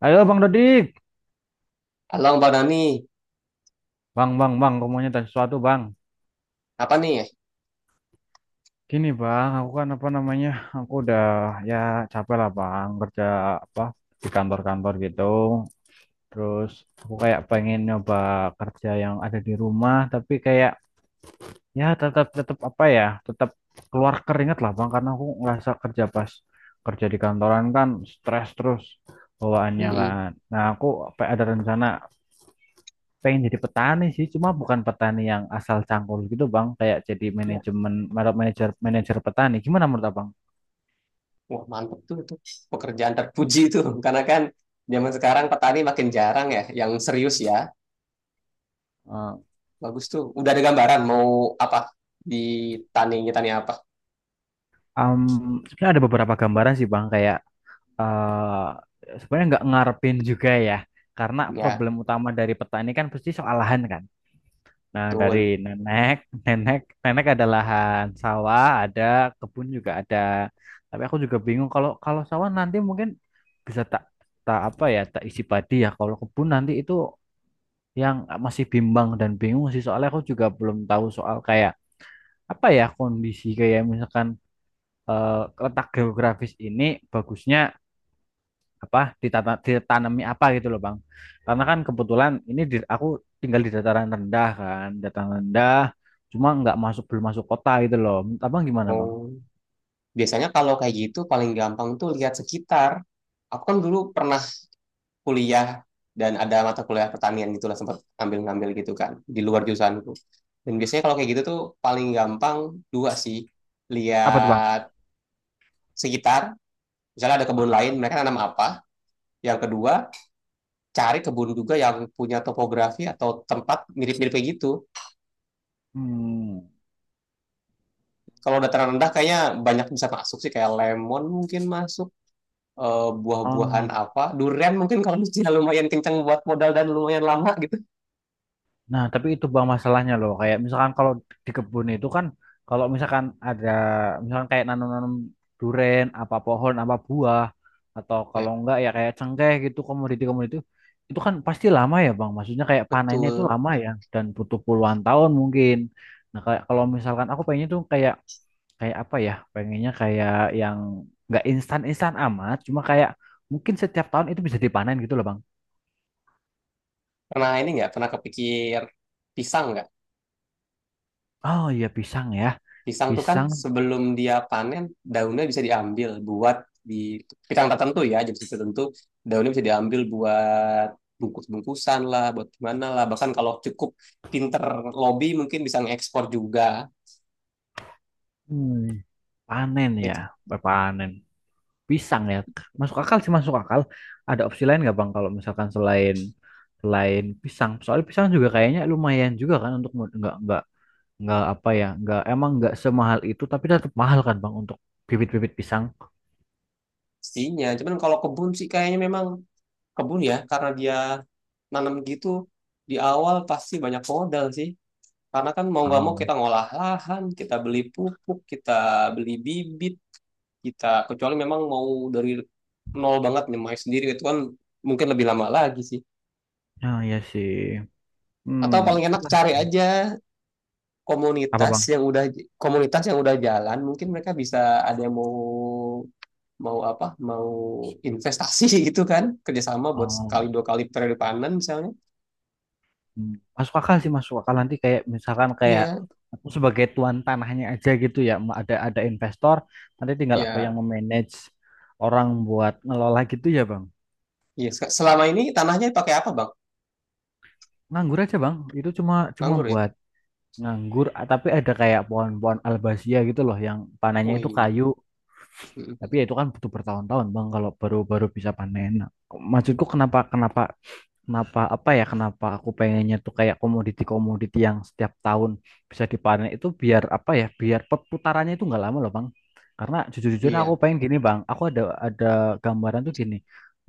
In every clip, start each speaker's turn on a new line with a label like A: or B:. A: Halo Bang Dodik,
B: Halo Mbak Nani,
A: Bang, Bang, Bang, aku mau tanya sesuatu Bang.
B: apa nih ya?
A: Gini Bang, aku kan apa namanya, aku udah ya capek lah Bang, kerja apa di kantor-kantor gitu. Terus aku kayak pengen nyoba kerja yang ada di rumah, tapi kayak ya tetap tetap apa ya, tetap keluar keringat lah Bang, karena aku ngerasa pas kerja di kantoran kan stres terus bawaannya
B: Mm-mm.
A: kan. Nah aku apa ada rencana pengen jadi petani sih, cuma bukan petani yang asal cangkul gitu Bang, kayak jadi
B: Ya.
A: manajemen manajer manajer petani. Gimana menurut Abang?
B: Wah, mantep tuh itu pekerjaan terpuji tuh karena kan zaman sekarang petani makin jarang ya yang serius ya.
A: Eh,
B: Bagus tuh. Udah ada gambaran mau apa di tani tani apa?
A: um, sebenarnya ada beberapa gambaran sih Bang, kayak eh sebenarnya nggak ngarepin juga ya, karena
B: Ya,
A: problem utama dari petani kan pasti soal lahan kan. Nah, dari
B: betul.
A: nenek nenek nenek ada lahan sawah, ada kebun juga ada, tapi aku juga bingung. Kalau kalau sawah nanti mungkin bisa tak tak apa ya tak isi padi ya, kalau kebun nanti itu yang masih bimbang dan bingung sih, soalnya aku juga belum tahu soal kayak apa ya, kondisi kayak misalkan eh, letak geografis ini bagusnya apa, ditata, ditanami apa gitu loh Bang. Karena kan kebetulan ini aku tinggal di dataran rendah kan, dataran rendah, cuma nggak masuk, belum masuk kota gitu loh. Abang gimana Bang?
B: Mau Biasanya kalau kayak gitu paling gampang tuh lihat sekitar. Aku kan dulu pernah kuliah dan ada mata kuliah pertanian gitu lah, sempat ngambil ngambil gitu kan di luar jurusanku. Dan biasanya kalau kayak gitu tuh paling gampang dua sih:
A: Apa tuh Bang?
B: lihat sekitar, misalnya ada
A: Ah,
B: kebun lain,
A: ah.
B: mereka tanam apa. Yang kedua, cari kebun juga yang punya topografi atau tempat mirip-mirip kayak gitu.
A: Hmm.
B: Kalau dataran rendah kayaknya banyak bisa masuk sih, kayak lemon mungkin masuk, eh, buah-buahan
A: Oh.
B: apa, durian mungkin, kalau lucunya lumayan kenceng buat modal dan lumayan lama gitu.
A: Nah, tapi itu Bang masalahnya loh. Kayak misalkan kalau di kebun itu kan, kalau misalkan ada, misalkan kayak nanam-nanam duren, apa pohon, apa buah, atau
B: Ya,
A: kalau enggak ya kayak cengkeh gitu, komoditi-komoditi, itu kan pasti lama ya Bang. Maksudnya kayak panennya itu
B: betul.
A: lama ya, dan butuh puluhan tahun mungkin. Nah, kayak kalau misalkan aku pengennya tuh kayak, kayak apa ya? Pengennya kayak yang nggak instan-instan amat, cuma kayak mungkin setiap tahun itu bisa dipanen gitu loh Bang.
B: Pernah ini nggak? Pernah kepikir pisang nggak?
A: Oh iya pisang ya,
B: Pisang tuh kan
A: pisang.
B: sebelum dia panen daunnya bisa diambil buat di pisang tertentu ya, jenis tertentu daunnya bisa diambil buat bungkus-bungkusan lah, buat gimana lah, bahkan kalau cukup pinter lobby mungkin bisa ngekspor juga,
A: Hmm. Panen ya, berpanen. Pisang ya. Masuk akal sih, masuk akal. Ada opsi lain nggak Bang kalau misalkan selain selain pisang? Soalnya pisang juga kayaknya lumayan juga kan untuk nggak apa ya, nggak emang nggak semahal itu tapi tetap mahal kan Bang untuk bibit-bibit pisang.
B: pastinya. Cuman kalau kebun sih kayaknya memang kebun ya, karena dia nanam gitu di awal pasti banyak modal sih, karena kan mau nggak mau
A: Oh,
B: kita ngolah lahan, kita beli pupuk, kita beli bibit kita, kecuali memang mau dari nol banget nyemai sendiri, itu kan mungkin lebih lama lagi sih.
A: ya sih. Hmm,
B: Atau paling
A: itu
B: enak
A: kan.
B: cari aja
A: Apa
B: komunitas
A: Bang?
B: yang udah komunitas yang udah jalan, mungkin mereka bisa, ada yang mau, mau apa mau investasi gitu kan, kerjasama buat
A: Oh.
B: sekali dua kali periode panen misalnya.
A: Hmm, masuk akal sih, masuk akal. Nanti kayak misalkan kayak
B: Iya,
A: aku sebagai tuan tanahnya aja gitu ya, ada investor, nanti tinggal aku yang
B: iya,
A: memanage orang buat ngelola gitu ya Bang.
B: iya. Selama ini tanahnya pakai apa, Bang?
A: Nganggur aja Bang itu, cuma cuma
B: Anggur ya.
A: buat nganggur, tapi ada kayak pohon-pohon albasia gitu loh, yang panennya itu
B: Wih
A: kayu, tapi ya itu kan butuh bertahun-tahun Bang kalau baru-baru bisa panen. Nah, maksudku kenapa kenapa Kenapa apa ya kenapa aku pengennya tuh kayak komoditi-komoditi yang setiap tahun bisa dipanen, itu biar apa ya, biar perputarannya itu nggak lama loh Bang. Karena jujur-jujurnya aku
B: iya,
A: pengen gini Bang, aku ada gambaran tuh gini.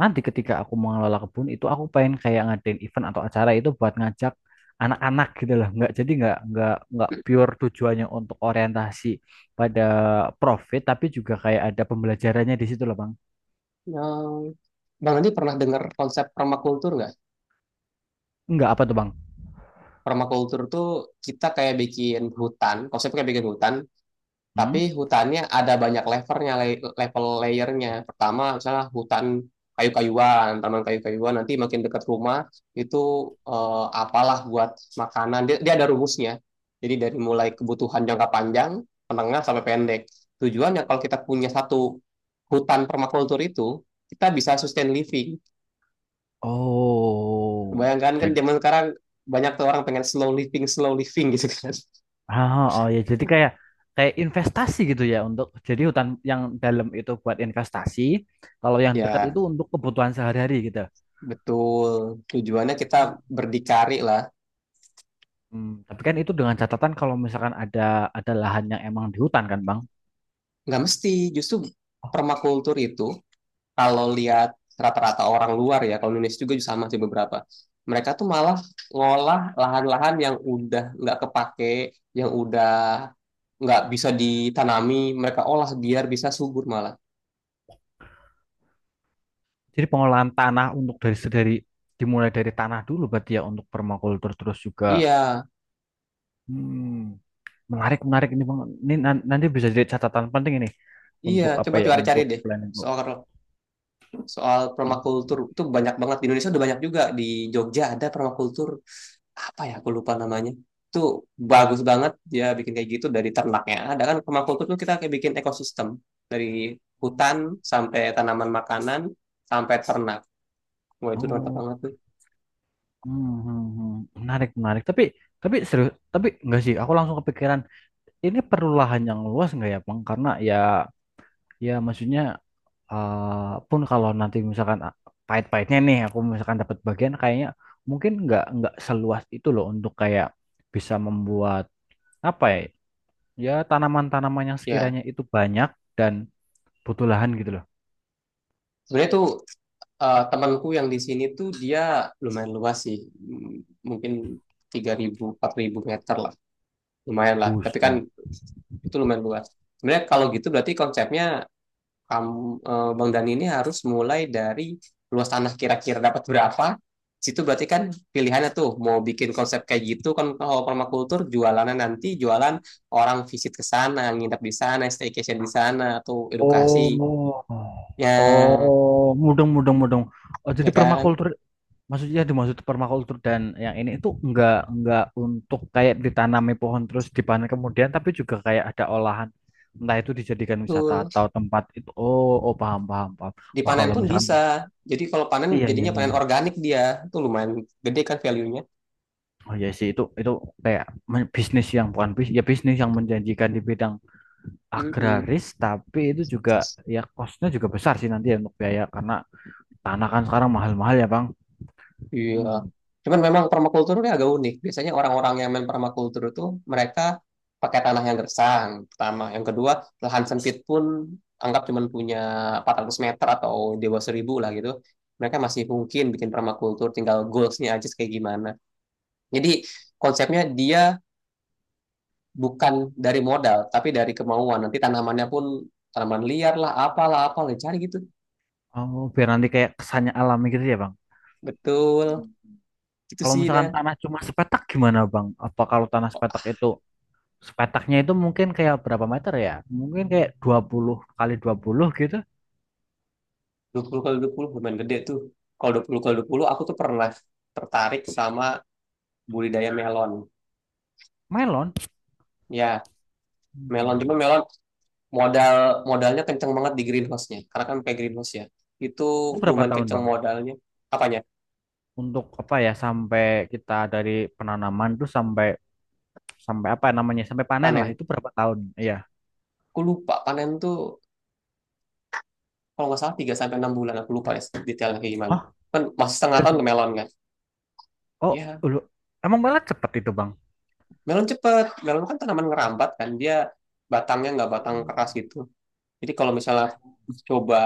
A: Nanti ketika aku mengelola kebun itu, aku pengen kayak ngadain event atau acara itu buat ngajak anak-anak gitu loh. Nggak jadi, nggak pure tujuannya untuk orientasi pada profit, tapi juga kayak ada pembelajarannya di situ loh Bang.
B: yang Bang Andi pernah dengar konsep permakultur nggak?
A: Nggak, apa tuh Bang?
B: Permakultur tuh kita kayak bikin hutan, konsepnya kayak bikin hutan,
A: Hmm?
B: tapi hutannya ada banyak levelnya, level layernya. Pertama misalnya hutan kayu-kayuan, taman kayu-kayuan, nanti makin dekat rumah itu apalah buat makanan. Dia ada rumusnya. Jadi dari mulai kebutuhan jangka panjang, menengah sampai pendek. Tujuannya kalau kita punya satu hutan permakultur itu, kita bisa sustain living.
A: Oh,
B: Bayangkan kan
A: jadi
B: zaman sekarang banyak tuh orang pengen slow living gitu kan.
A: ah, oh oh, ya, jadi kayak, kayak investasi gitu ya, untuk jadi hutan yang dalam itu buat investasi, kalau yang dekat
B: Ya,
A: itu untuk kebutuhan sehari-hari gitu.
B: betul. Tujuannya kita berdikari lah.
A: Hmm, tapi kan itu dengan catatan kalau misalkan ada lahan yang emang di hutan kan, Bang.
B: Nggak mesti, justru
A: Oh,
B: permakultur itu, kalau lihat rata-rata orang luar ya, kalau Indonesia juga sama sih beberapa, mereka tuh malah ngolah lahan-lahan yang udah nggak kepake, yang udah nggak bisa ditanami, mereka olah biar bisa subur malah.
A: jadi pengolahan tanah untuk dari dimulai dari tanah dulu berarti ya untuk permakultur terus juga.
B: Iya,
A: Hmm, menarik, menarik ini Bang. Ini nanti bisa jadi catatan penting ini,
B: iya.
A: untuk apa
B: Coba
A: ya,
B: cari-cari
A: untuk
B: deh
A: planning, Bu.
B: soal soal
A: Hmm.
B: permakultur itu. Banyak banget di Indonesia, udah banyak juga di Jogja ada permakultur apa ya, aku lupa namanya. Itu bagus banget, dia bikin kayak gitu, dari ternaknya ada kan, permakultur tuh kita kayak bikin ekosistem dari hutan sampai tanaman makanan sampai ternak. Wah, itu mantap
A: Oh.
B: banget tuh.
A: Hmm, hmm, hmm. Menarik, menarik. Tapi serius, tapi enggak sih. Aku langsung kepikiran, ini perlu lahan yang luas enggak ya, Bang? Karena ya, ya maksudnya pun kalau nanti misalkan pahit-pahitnya nih, aku misalkan dapat bagian, kayaknya mungkin enggak seluas itu loh untuk kayak bisa membuat apa ya? Ya tanaman-tanaman yang
B: Ya,
A: sekiranya itu banyak dan butuh lahan gitu loh.
B: sebenarnya tuh temanku yang di sini tuh dia lumayan luas sih. M- mungkin 3.000, 4.000 meter lah, lumayan lah. Tapi kan
A: Buset.
B: itu lumayan luas sebenarnya. Kalau gitu berarti konsepnya kamu, eh, Bang Dani ini harus mulai dari luas tanah kira-kira dapat berapa. Situ berarti kan pilihannya tuh mau bikin konsep kayak gitu kan. Kalau permakultur, jualannya nanti jualan orang visit ke sana, nginep di sana, staycation di sana, atau
A: Oh,
B: edukasi.
A: oh,
B: Ya,
A: oh, mudeng, mudeng, mudeng. Oh,
B: ya
A: jadi
B: kan?
A: permakultur maksudnya, dimaksud permakultur dan yang ini itu enggak untuk kayak ditanami pohon terus dipanen kemudian, tapi juga kayak ada olahan, entah itu dijadikan wisata
B: Betul.
A: atau tempat itu. Oh oh, paham paham paham. Wah
B: Dipanen
A: kalau
B: pun
A: misalnya,
B: bisa. Jadi kalau panen,
A: iya iya
B: jadinya
A: iya.
B: panen organik dia, tuh lumayan gede kan value-nya.
A: Oh iya sih, itu kayak bisnis yang bukan bisnis, ya bisnis yang menjanjikan di bidang
B: Mm-mm.
A: agraris, tapi itu juga ya costnya juga besar sih nanti ya untuk biaya, karena tanah kan sekarang mahal-mahal ya Bang.
B: Iya.
A: Hmm.
B: Cuman memang permakultur ini agak unik. Biasanya orang-orang yang main permakultur itu mereka pakai tanah yang gersang, yang pertama. Yang kedua, lahan sempit pun, anggap cuman punya 400 meter atau di 1.000 lah gitu, mereka masih mungkin bikin permakultur, tinggal goalsnya aja kayak gimana. Jadi konsepnya dia bukan dari modal, tapi dari kemauan. Nanti tanamannya pun tanaman liar lah, apalah, apalah, cari gitu.
A: Oh, biar nanti kayak kesannya alami gitu ya Bang.
B: Betul.
A: Hmm.
B: Gitu
A: Kalau
B: sih dah.
A: misalkan tanah cuma sepetak gimana Bang? Apa kalau tanah sepetak itu, sepetaknya itu mungkin kayak berapa meter ya? Mungkin kayak 20 kali 20 gitu.
B: 20 kali 20 lumayan gede tuh. Kalau 20 kali 20, aku tuh pernah tertarik sama budidaya melon.
A: Melon.
B: Ya, melon. Cuma
A: Hmm.
B: melon modal modalnya kenceng banget di greenhouse-nya. Karena kan pakai greenhouse ya. Itu
A: Itu berapa
B: lumayan
A: tahun
B: kenceng
A: Bang?
B: modalnya. Apanya?
A: Untuk apa ya, sampai kita dari penanaman tuh sampai sampai apa ya namanya? Sampai panen lah,
B: Panen.
A: itu berapa tahun? Iya.
B: Aku lupa panen tuh kalau nggak salah 3 sampai 6 bulan, aku lupa ya detailnya kayak gimana.
A: Hah?
B: Kan masih setengah
A: Tiga
B: tahun ke melon kan.
A: oh,
B: Ya,
A: lu emang malah cepet itu Bang?
B: melon cepet. Melon kan tanaman ngerambat kan. Dia batangnya nggak batang keras gitu. Jadi kalau misalnya coba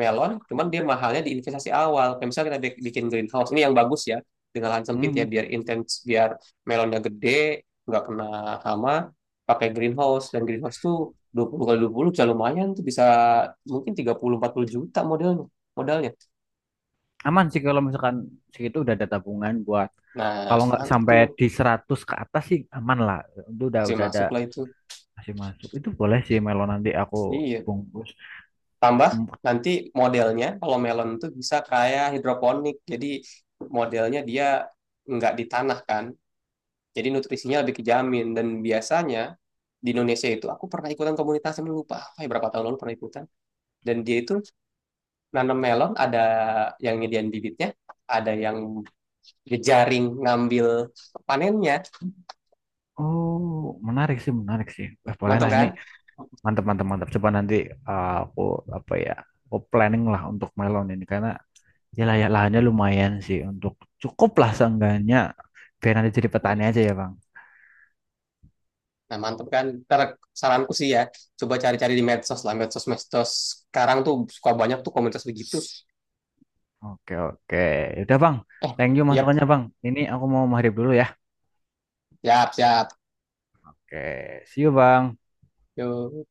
B: melon, cuman dia mahalnya di investasi awal. Kayak misalnya kita bikin greenhouse, ini yang bagus ya, dengan lahan sempit ya,
A: Hmm.
B: biar intens, biar melonnya gede, nggak kena hama, pakai greenhouse. Dan greenhouse tuh 20 kali 20 bisa lumayan tuh, bisa mungkin 30-40 juta modalnya. modalnya.
A: Aman sih kalau misalkan segitu udah ada tabungan buat,
B: Nah,
A: kalau nggak
B: mantep
A: sampai
B: tuh,
A: di 100 ke atas sih aman lah. Itu udah
B: masih
A: udah ada
B: masuk lah itu.
A: masih masuk. Itu boleh sih, Melo nanti aku
B: Iya,
A: bungkus.
B: tambah
A: Hmm,
B: nanti modelnya kalau melon tuh bisa kayak hidroponik, jadi modelnya dia nggak di tanah kan. Jadi nutrisinya lebih kejamin, dan biasanya di Indonesia itu aku pernah ikutan komunitas yang lupa apa ya, berapa tahun lalu pernah ikutan, dan dia itu nanam melon, ada yang nyediain bibitnya, ada yang jejaring ngambil panennya.
A: oh, menarik sih, menarik sih. Eh, boleh
B: Mantap
A: lah ini.
B: kan.
A: Mantap, mantap, mantap. Coba nanti aku apa ya? Aku planning lah untuk melon ini, karena ya layak, lahannya lumayan sih untuk cukup lah seenggaknya, biar nanti jadi petani aja ya, Bang.
B: Nah, mantap kan. Ntar saranku sih ya, coba cari-cari di medsos lah, medsos medsos sekarang tuh suka banyak tuh komunitas begitu.
A: Oke, oke. Udah, Bang.
B: Eh,
A: Thank you
B: yap,
A: masukannya, Bang. Ini aku mau maghrib dulu ya.
B: siap siap.
A: Oke, see you Bang.
B: Yuk.